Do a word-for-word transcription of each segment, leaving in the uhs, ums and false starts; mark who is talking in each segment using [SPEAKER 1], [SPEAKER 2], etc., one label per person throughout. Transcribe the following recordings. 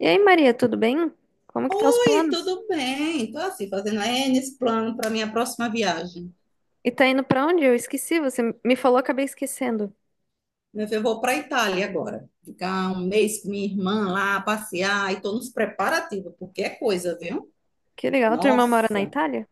[SPEAKER 1] E aí, Maria, tudo bem? Como que tá os
[SPEAKER 2] Oi,
[SPEAKER 1] planos?
[SPEAKER 2] tudo bem? Estou assim, fazendo N esse plano para minha próxima viagem.
[SPEAKER 1] E tá indo pra onde? Eu esqueci, você me falou, acabei esquecendo.
[SPEAKER 2] Meu filho, eu vou para a Itália agora. Ficar um mês com minha irmã lá, passear, e estou nos preparativos, porque é coisa, viu?
[SPEAKER 1] Que legal, tua irmã mora na
[SPEAKER 2] Nossa!
[SPEAKER 1] Itália?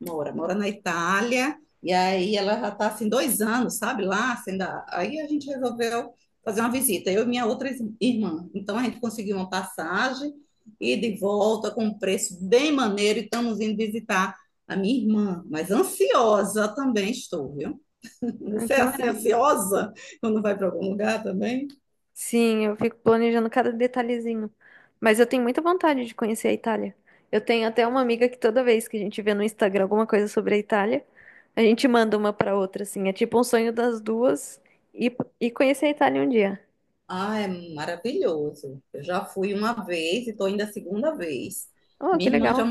[SPEAKER 2] Mora, mora na Itália, e aí ela já está assim, dois anos, sabe, lá, sendo a- aí a gente resolveu fazer uma visita, eu e minha outra is- irmã. Então a gente conseguiu uma passagem e de volta com um preço bem maneiro, e estamos indo visitar a minha irmã, mas ansiosa também estou, viu?
[SPEAKER 1] Ah,
[SPEAKER 2] Você é
[SPEAKER 1] que
[SPEAKER 2] assim
[SPEAKER 1] maravilha.
[SPEAKER 2] ansiosa quando vai para algum lugar também?
[SPEAKER 1] Sim, eu fico planejando cada detalhezinho. Mas eu tenho muita vontade de conhecer a Itália. Eu tenho até uma amiga que toda vez que a gente vê no Instagram alguma coisa sobre a Itália, a gente manda uma pra outra, assim. É tipo um sonho das duas e, e conhecer a Itália um dia.
[SPEAKER 2] Ah, é maravilhoso. Eu já fui uma vez e estou indo a segunda vez.
[SPEAKER 1] Oh, que
[SPEAKER 2] Minha irmã já,
[SPEAKER 1] legal.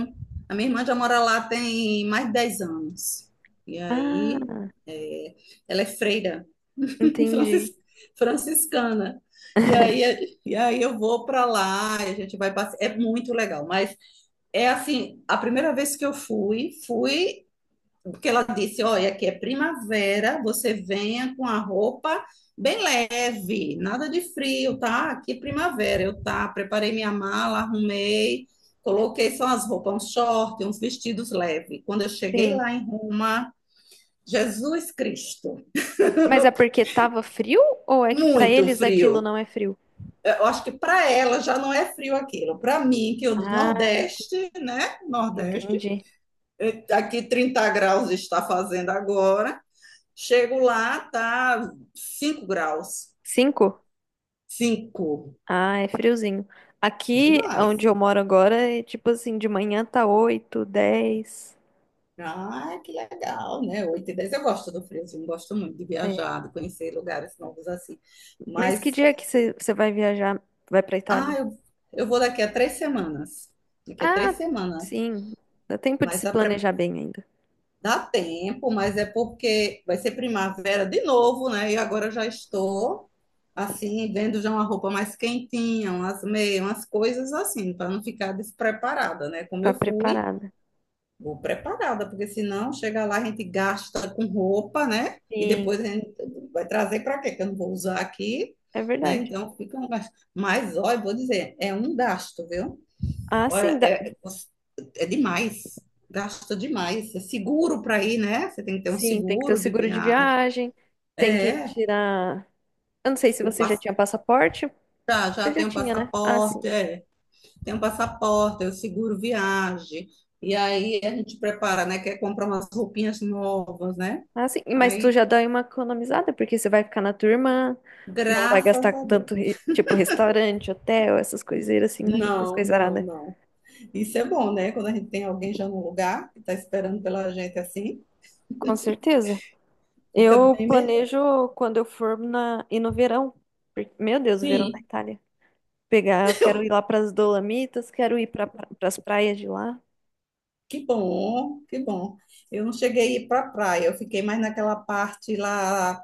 [SPEAKER 2] a minha irmã já mora lá tem mais de dez anos. E aí,
[SPEAKER 1] Ah,
[SPEAKER 2] é, ela é freira, francis-
[SPEAKER 1] entendi.
[SPEAKER 2] franciscana. E aí, é, e aí eu vou para lá, e a gente vai passear. É muito legal, mas é assim, a primeira vez que eu fui, fui porque ela disse, olha, que é primavera, você venha com a roupa bem leve, nada de frio, tá? Aqui é primavera, eu tá, preparei minha mala, arrumei, coloquei só as roupas, uns short, uns vestidos leves. Quando eu cheguei
[SPEAKER 1] Sim.
[SPEAKER 2] lá em Roma, Jesus Cristo,
[SPEAKER 1] Mas é porque tava frio ou é que pra
[SPEAKER 2] muito
[SPEAKER 1] eles aquilo
[SPEAKER 2] frio.
[SPEAKER 1] não é frio?
[SPEAKER 2] Eu acho que para ela já não é frio aquilo. Para mim, que eu do
[SPEAKER 1] Ah,
[SPEAKER 2] Nordeste, né? Nordeste,
[SPEAKER 1] entendi.
[SPEAKER 2] eh, aqui trinta graus está fazendo agora. Chego lá, tá cinco graus.
[SPEAKER 1] Cinco?
[SPEAKER 2] Cinco.
[SPEAKER 1] Ah, é friozinho. Aqui, onde
[SPEAKER 2] Demais.
[SPEAKER 1] eu moro agora, é tipo assim, de manhã tá oito, dez.
[SPEAKER 2] Ah, que legal, né? Oito e dez. Eu gosto do frio, assim, eu gosto muito de
[SPEAKER 1] É.
[SPEAKER 2] viajar, de conhecer lugares novos assim.
[SPEAKER 1] Mas que
[SPEAKER 2] Mas,
[SPEAKER 1] dia que você você vai viajar? Vai pra
[SPEAKER 2] ah,
[SPEAKER 1] Itália?
[SPEAKER 2] eu, eu vou daqui a três semanas. Daqui a três
[SPEAKER 1] Ah,
[SPEAKER 2] semanas.
[SPEAKER 1] sim. Dá tempo de
[SPEAKER 2] Mas
[SPEAKER 1] se
[SPEAKER 2] a pre-
[SPEAKER 1] planejar bem ainda.
[SPEAKER 2] dá tempo, mas é porque vai ser primavera de novo, né? E agora eu já estou, assim, vendo já uma roupa mais quentinha, umas meias, umas coisas assim, para não ficar despreparada, né? Como
[SPEAKER 1] Tá
[SPEAKER 2] eu fui.
[SPEAKER 1] preparada.
[SPEAKER 2] Vou preparada, porque senão chega lá, a gente gasta com roupa, né? E
[SPEAKER 1] Sim,
[SPEAKER 2] depois a gente vai trazer para quê? Que eu não vou usar aqui,
[SPEAKER 1] é
[SPEAKER 2] né?
[SPEAKER 1] verdade.
[SPEAKER 2] Então fica um gasto. Mas, olha, vou dizer, é um gasto, viu?
[SPEAKER 1] Ah, sim,
[SPEAKER 2] Olha,
[SPEAKER 1] dá-
[SPEAKER 2] é, é demais. Gasta demais. É seguro para ir, né? Você tem que ter um
[SPEAKER 1] sim, tem que ter o
[SPEAKER 2] seguro de
[SPEAKER 1] seguro de
[SPEAKER 2] viagem.
[SPEAKER 1] viagem, tem que
[SPEAKER 2] É.
[SPEAKER 1] tirar. Eu não sei se
[SPEAKER 2] o
[SPEAKER 1] você já
[SPEAKER 2] pass...
[SPEAKER 1] tinha passaporte.
[SPEAKER 2] já, já
[SPEAKER 1] Você já
[SPEAKER 2] tem um
[SPEAKER 1] tinha, né? Ah,
[SPEAKER 2] passaporte,
[SPEAKER 1] sim.
[SPEAKER 2] é. Tem um passaporte, é o seguro viagem. E aí a gente prepara, né? Quer comprar umas roupinhas novas, né?
[SPEAKER 1] Ah, sim. Mas tu
[SPEAKER 2] Aí,
[SPEAKER 1] já dá uma economizada, porque você vai ficar na tua irmã, não vai
[SPEAKER 2] graças
[SPEAKER 1] gastar
[SPEAKER 2] a
[SPEAKER 1] com
[SPEAKER 2] Deus.
[SPEAKER 1] tanto, re- tipo, restaurante, hotel, essas coiseiras assim, né? Essas
[SPEAKER 2] Não, não,
[SPEAKER 1] coisaradas.
[SPEAKER 2] não. Isso é bom, né? Quando a gente tem alguém já no lugar, que está esperando pela gente assim,
[SPEAKER 1] Com certeza.
[SPEAKER 2] fica
[SPEAKER 1] Eu
[SPEAKER 2] bem melhor.
[SPEAKER 1] planejo quando eu for na... ir no verão. Porque Meu Deus, o verão da
[SPEAKER 2] Sim,
[SPEAKER 1] Itália. Pegar, eu quero ir lá para as Dolomitas, quero ir para as praias de lá.
[SPEAKER 2] que bom, que bom. Eu não cheguei a ir para a praia, eu fiquei mais naquela parte lá,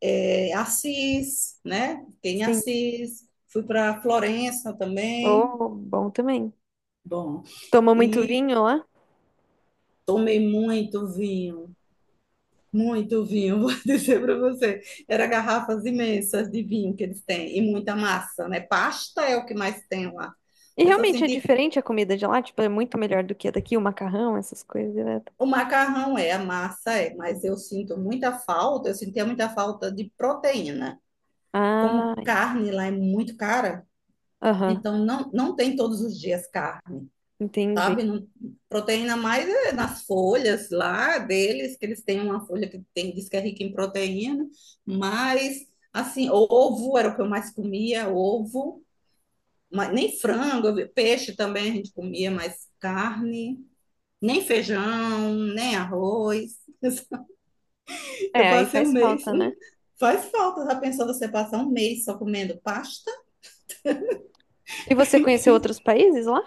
[SPEAKER 2] é, Assis, né? Fiquei em
[SPEAKER 1] Sim.
[SPEAKER 2] Assis, fui para Florença também.
[SPEAKER 1] Oh, bom também.
[SPEAKER 2] Bom,
[SPEAKER 1] Toma muito
[SPEAKER 2] e
[SPEAKER 1] vinho lá.
[SPEAKER 2] tomei muito vinho. Muito vinho, vou dizer para você. Era garrafas imensas de vinho que eles têm e muita massa, né? Pasta é o que mais tem lá.
[SPEAKER 1] E
[SPEAKER 2] Eu só
[SPEAKER 1] realmente é
[SPEAKER 2] senti
[SPEAKER 1] diferente a comida de lá, tipo, é muito melhor do que a daqui, o macarrão, essas coisas, né?
[SPEAKER 2] o macarrão é, a massa é, mas eu sinto muita falta, eu sentia muita falta de proteína.
[SPEAKER 1] Ah,
[SPEAKER 2] Como carne lá é muito cara,
[SPEAKER 1] aham,
[SPEAKER 2] então não, não tem todos os dias carne. Sabe?
[SPEAKER 1] entendi.
[SPEAKER 2] Não, proteína mais é nas folhas lá deles, que eles têm uma folha que tem, diz que é rica em proteína, mas assim, ovo era o que eu mais comia, ovo, mas nem frango, eu peixe também a gente comia, mas carne, nem feijão, nem arroz. Assim, eu
[SPEAKER 1] É, aí
[SPEAKER 2] passei um
[SPEAKER 1] faz
[SPEAKER 2] mês,
[SPEAKER 1] falta, né?
[SPEAKER 2] um- Faz falta, já pensou você passar um mês só comendo pasta?
[SPEAKER 1] E você conheceu outros países lá?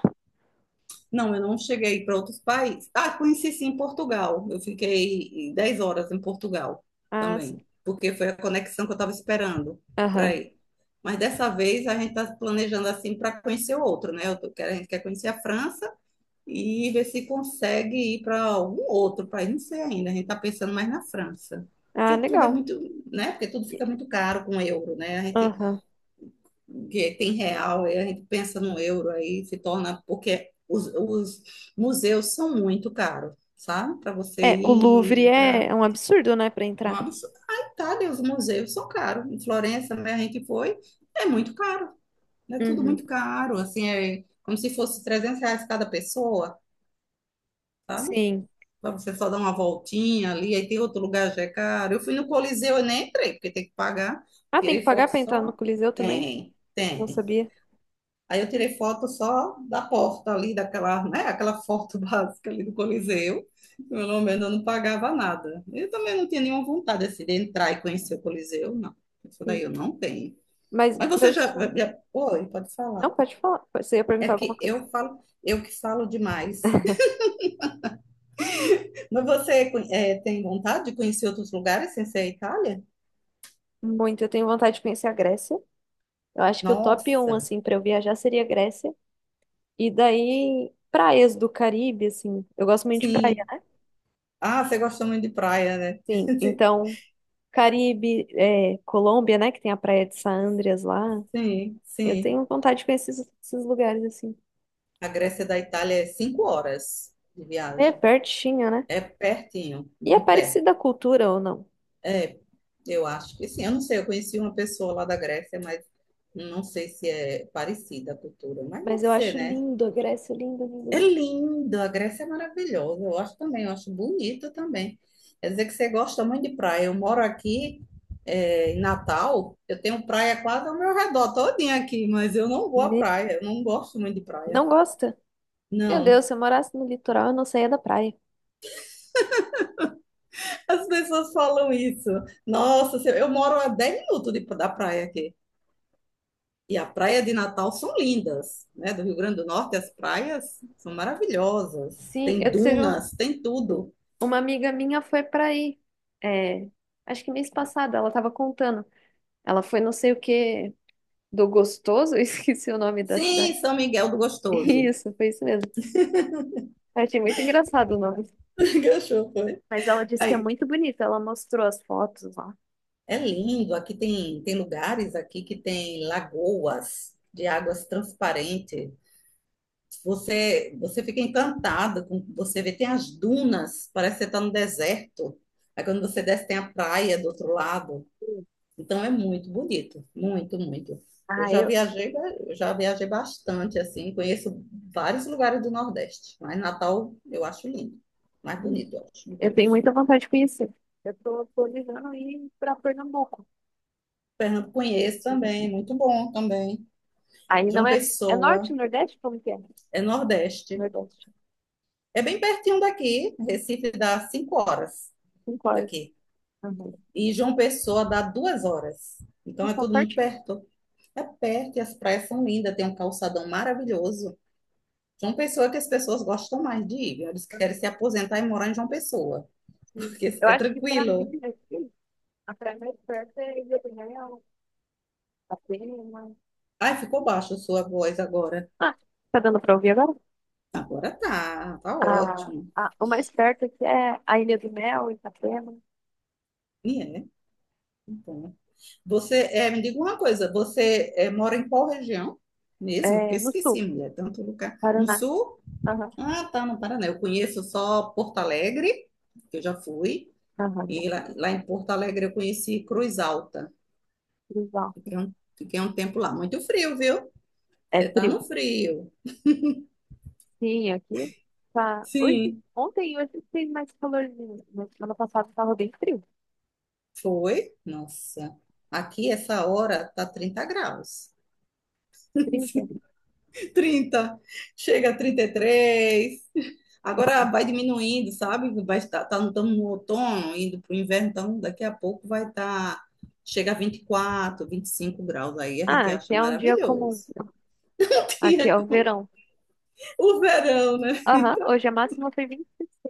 [SPEAKER 2] Não, eu não cheguei para outros países. Ah, conheci sim Portugal. Eu fiquei dez horas em Portugal
[SPEAKER 1] Ah, sim.
[SPEAKER 2] também, porque foi a conexão que eu estava esperando para
[SPEAKER 1] Aham.
[SPEAKER 2] ir. Mas dessa vez a gente está planejando assim para conhecer outro, né? Eu tô- quero- a gente quer conhecer a França e ver se consegue ir para algum outro país, não sei ainda. A gente está pensando mais na França,
[SPEAKER 1] Ah,
[SPEAKER 2] porque tudo é
[SPEAKER 1] legal.
[SPEAKER 2] muito, né? Porque tudo
[SPEAKER 1] E.
[SPEAKER 2] fica muito caro com euro, né? A gente
[SPEAKER 1] Aham.
[SPEAKER 2] que tem real, e a gente pensa no euro aí, se torna, porque os, os museus são muito caros, sabe? Para você
[SPEAKER 1] É, o Louvre
[SPEAKER 2] ir
[SPEAKER 1] é
[SPEAKER 2] entrar.
[SPEAKER 1] é um absurdo, né, pra
[SPEAKER 2] É um
[SPEAKER 1] entrar.
[SPEAKER 2] absurdo. A Itália, os museus são caros. Em Florença, né, a gente foi, é muito caro. É tudo
[SPEAKER 1] Uhum.
[SPEAKER 2] muito caro, assim, é como se fosse trezentos reais cada pessoa,
[SPEAKER 1] Sim.
[SPEAKER 2] para você só dar uma voltinha ali, aí tem outro lugar já é caro. Eu fui no Coliseu e nem entrei, porque tem que pagar.
[SPEAKER 1] Ah, tem que
[SPEAKER 2] Tirei
[SPEAKER 1] pagar
[SPEAKER 2] foto
[SPEAKER 1] pra entrar no
[SPEAKER 2] só.
[SPEAKER 1] Coliseu também?
[SPEAKER 2] Tem,
[SPEAKER 1] Não
[SPEAKER 2] tem.
[SPEAKER 1] sabia.
[SPEAKER 2] Aí eu tirei foto só da porta ali, daquela, né, aquela foto básica ali do Coliseu. Pelo menos eu não pagava nada. Eu também não tinha nenhuma vontade assim, de entrar e conhecer o Coliseu, não. Isso daí
[SPEAKER 1] Sim.
[SPEAKER 2] eu não tenho.
[SPEAKER 1] Mas
[SPEAKER 2] Mas você
[SPEAKER 1] meu
[SPEAKER 2] já,
[SPEAKER 1] sonho.
[SPEAKER 2] já... Oi, pode
[SPEAKER 1] Não,
[SPEAKER 2] falar.
[SPEAKER 1] pode falar. Você ia
[SPEAKER 2] É
[SPEAKER 1] perguntar alguma
[SPEAKER 2] que
[SPEAKER 1] coisa.
[SPEAKER 2] eu falo, eu que falo demais. Mas você é, tem vontade de conhecer outros lugares sem ser a Itália?
[SPEAKER 1] Muito, eu tenho vontade de conhecer a Grécia. Eu acho que o top um,
[SPEAKER 2] Nossa,
[SPEAKER 1] assim, pra eu viajar seria a Grécia. E daí, praias do Caribe, assim. Eu gosto muito de praia,
[SPEAKER 2] sim.
[SPEAKER 1] né?
[SPEAKER 2] Ah, você gosta muito de praia, né?
[SPEAKER 1] Sim. Então. Caribe, é, Colômbia, né? Que tem a Praia de San Andreas lá.
[SPEAKER 2] Sim,
[SPEAKER 1] Eu
[SPEAKER 2] sim.
[SPEAKER 1] tenho vontade de conhecer esses, esses lugares assim.
[SPEAKER 2] A Grécia da Itália é cinco horas de
[SPEAKER 1] É
[SPEAKER 2] viagem.
[SPEAKER 1] pertinho, né?
[SPEAKER 2] É pertinho,
[SPEAKER 1] E é
[SPEAKER 2] muito perto.
[SPEAKER 1] parecida a cultura ou não?
[SPEAKER 2] É, eu acho que sim. Eu não sei, eu conheci uma pessoa lá da Grécia, mas não sei se é parecida a cultura, mas
[SPEAKER 1] Mas
[SPEAKER 2] deve
[SPEAKER 1] eu
[SPEAKER 2] ser,
[SPEAKER 1] acho
[SPEAKER 2] né?
[SPEAKER 1] lindo a Grécia, lindo,
[SPEAKER 2] É
[SPEAKER 1] lindo,
[SPEAKER 2] lindo, a Grécia é maravilhosa. Eu acho também, eu acho bonito também. Quer dizer que você gosta muito de praia. Eu moro aqui, é, em Natal, eu tenho praia quase ao meu redor, todinha aqui, mas eu não vou
[SPEAKER 1] lindo.
[SPEAKER 2] à
[SPEAKER 1] Né?
[SPEAKER 2] praia, eu não gosto muito de praia.
[SPEAKER 1] Não gosta? Meu
[SPEAKER 2] Não.
[SPEAKER 1] Deus, se eu morasse no litoral, eu não saía da praia.
[SPEAKER 2] As pessoas falam isso. Nossa, se- eu moro a dez minutos de- da praia aqui. E a praia de Natal são lindas, né? Do Rio Grande do Norte, as praias são maravilhosas.
[SPEAKER 1] Sim,
[SPEAKER 2] Tem
[SPEAKER 1] eu tive um-
[SPEAKER 2] dunas, tem tudo.
[SPEAKER 1] uma amiga minha foi pra aí. É, acho que mês passado ela tava contando. Ela foi não sei o que do Gostoso, eu esqueci o nome da
[SPEAKER 2] Sim,
[SPEAKER 1] cidade.
[SPEAKER 2] São Miguel do Gostoso.
[SPEAKER 1] Isso, foi isso mesmo. Eu achei muito engraçado o nome.
[SPEAKER 2] Que achou, foi?
[SPEAKER 1] Mas ela disse que é
[SPEAKER 2] Aí,
[SPEAKER 1] muito bonito, ela mostrou as fotos lá.
[SPEAKER 2] é lindo. Aqui tem, tem lugares aqui que tem lagoas de águas transparentes. Você, você fica encantada com o que você vê, tem as dunas, parece que você está no deserto. Aí quando você desce, tem a praia do outro lado. Então é muito bonito, muito, muito. Eu
[SPEAKER 1] Ah,
[SPEAKER 2] já
[SPEAKER 1] eu,
[SPEAKER 2] viajei, ba- eu já viajei bastante, assim, conheço vários lugares do Nordeste, mas Natal eu acho lindo, mais
[SPEAKER 1] hum,
[SPEAKER 2] bonito, eu acho, de
[SPEAKER 1] eu tenho
[SPEAKER 2] todos.
[SPEAKER 1] muita vontade de conhecer. Eu tô planejando ir pra Pernambuco.
[SPEAKER 2] Pernambuco conheço também, muito bom também.
[SPEAKER 1] Aí não
[SPEAKER 2] João
[SPEAKER 1] é, é norte,
[SPEAKER 2] Pessoa,
[SPEAKER 1] nordeste? Como que é?
[SPEAKER 2] é Nordeste.
[SPEAKER 1] Nordeste.
[SPEAKER 2] É bem pertinho daqui, Recife dá cinco horas
[SPEAKER 1] Cinco horas.
[SPEAKER 2] daqui.
[SPEAKER 1] Uhum.
[SPEAKER 2] E João Pessoa dá duas horas. Então é
[SPEAKER 1] Tá
[SPEAKER 2] tudo muito
[SPEAKER 1] pertinho.
[SPEAKER 2] perto. É perto e as praias são lindas, tem um calçadão maravilhoso. João Pessoa é que as pessoas gostam mais de ir. Eles querem se aposentar e morar em João Pessoa,
[SPEAKER 1] Sim.
[SPEAKER 2] porque
[SPEAKER 1] Eu
[SPEAKER 2] é
[SPEAKER 1] acho que pra mim
[SPEAKER 2] tranquilo.
[SPEAKER 1] aqui, a praia mais perto é Ilha do Mel, Atena.
[SPEAKER 2] Ai, ficou baixo a sua voz agora.
[SPEAKER 1] Ah, tá dando pra ouvir agora?
[SPEAKER 2] Agora tá, tá
[SPEAKER 1] A,
[SPEAKER 2] ótimo.
[SPEAKER 1] a, o mais perto aqui é a Ilha do Mel, Itapema,
[SPEAKER 2] E é, então, você, é, me diga uma coisa, você é, mora em qual região mesmo? Porque
[SPEAKER 1] é, no sul,
[SPEAKER 2] esqueci, mulher, tanto lugar. No
[SPEAKER 1] Paraná.
[SPEAKER 2] sul? Ah, tá, no Paraná. Eu conheço só Porto Alegre, que eu já fui.
[SPEAKER 1] Aham.
[SPEAKER 2] E lá, lá em Porto Alegre eu conheci Cruz Alta.
[SPEAKER 1] Exato.
[SPEAKER 2] Fiquei um, fiquei um tempo lá. Muito frio, viu?
[SPEAKER 1] É
[SPEAKER 2] Você tá
[SPEAKER 1] frio.
[SPEAKER 2] no frio.
[SPEAKER 1] Sim, aqui tá. Hoje,
[SPEAKER 2] Sim.
[SPEAKER 1] ontem e hoje tem mais calorzinho, mas semana passada estava bem frio.
[SPEAKER 2] Foi? Nossa. Aqui, essa hora, tá trinta graus.
[SPEAKER 1] Trinta.
[SPEAKER 2] Trinta. Chega a trinta e três. Agora vai diminuindo, sabe? Vai estar, tá, estamos no outono, indo para o inverno, então daqui a pouco vai estar, chega a vinte e quatro, vinte e cinco graus. Aí a
[SPEAKER 1] Ah,
[SPEAKER 2] gente
[SPEAKER 1] aqui
[SPEAKER 2] acha
[SPEAKER 1] é um dia comum.
[SPEAKER 2] maravilhoso.
[SPEAKER 1] Aqui é o verão.
[SPEAKER 2] O verão, né?
[SPEAKER 1] Aham,
[SPEAKER 2] Então,
[SPEAKER 1] hoje a máxima foi vinte e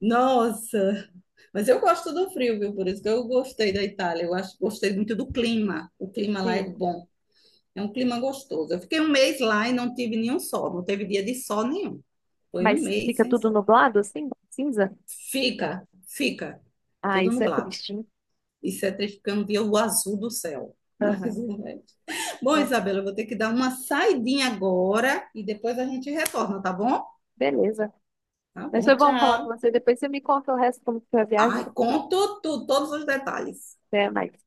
[SPEAKER 2] nossa, mas eu gosto do frio, viu? Por isso que eu gostei da Itália. Eu acho, gostei muito do clima. O clima lá é
[SPEAKER 1] cinco.
[SPEAKER 2] bom. É um clima gostoso. Eu fiquei um mês lá e não tive nenhum sol. Não teve dia de sol nenhum. Foi um
[SPEAKER 1] Mas
[SPEAKER 2] mês
[SPEAKER 1] fica
[SPEAKER 2] sem
[SPEAKER 1] tudo
[SPEAKER 2] sol.
[SPEAKER 1] nublado, assim, cinza?
[SPEAKER 2] Fica, fica.
[SPEAKER 1] Ah,
[SPEAKER 2] Tudo
[SPEAKER 1] isso é
[SPEAKER 2] nublado.
[SPEAKER 1] triste, hein?
[SPEAKER 2] Isso é triste, porque eu não via o azul do céu. Mas
[SPEAKER 1] Aham,
[SPEAKER 2] o resto. Bom,
[SPEAKER 1] é.
[SPEAKER 2] Isabela, eu vou ter que dar uma saidinha agora e depois a gente retorna, tá bom?
[SPEAKER 1] Beleza.
[SPEAKER 2] Tá
[SPEAKER 1] Mas foi
[SPEAKER 2] bom,
[SPEAKER 1] bom falar com
[SPEAKER 2] tchau.
[SPEAKER 1] você. Depois você me conta o resto como que foi a viagem.
[SPEAKER 2] Ai, conto tudo, todos os detalhes.
[SPEAKER 1] Até mais.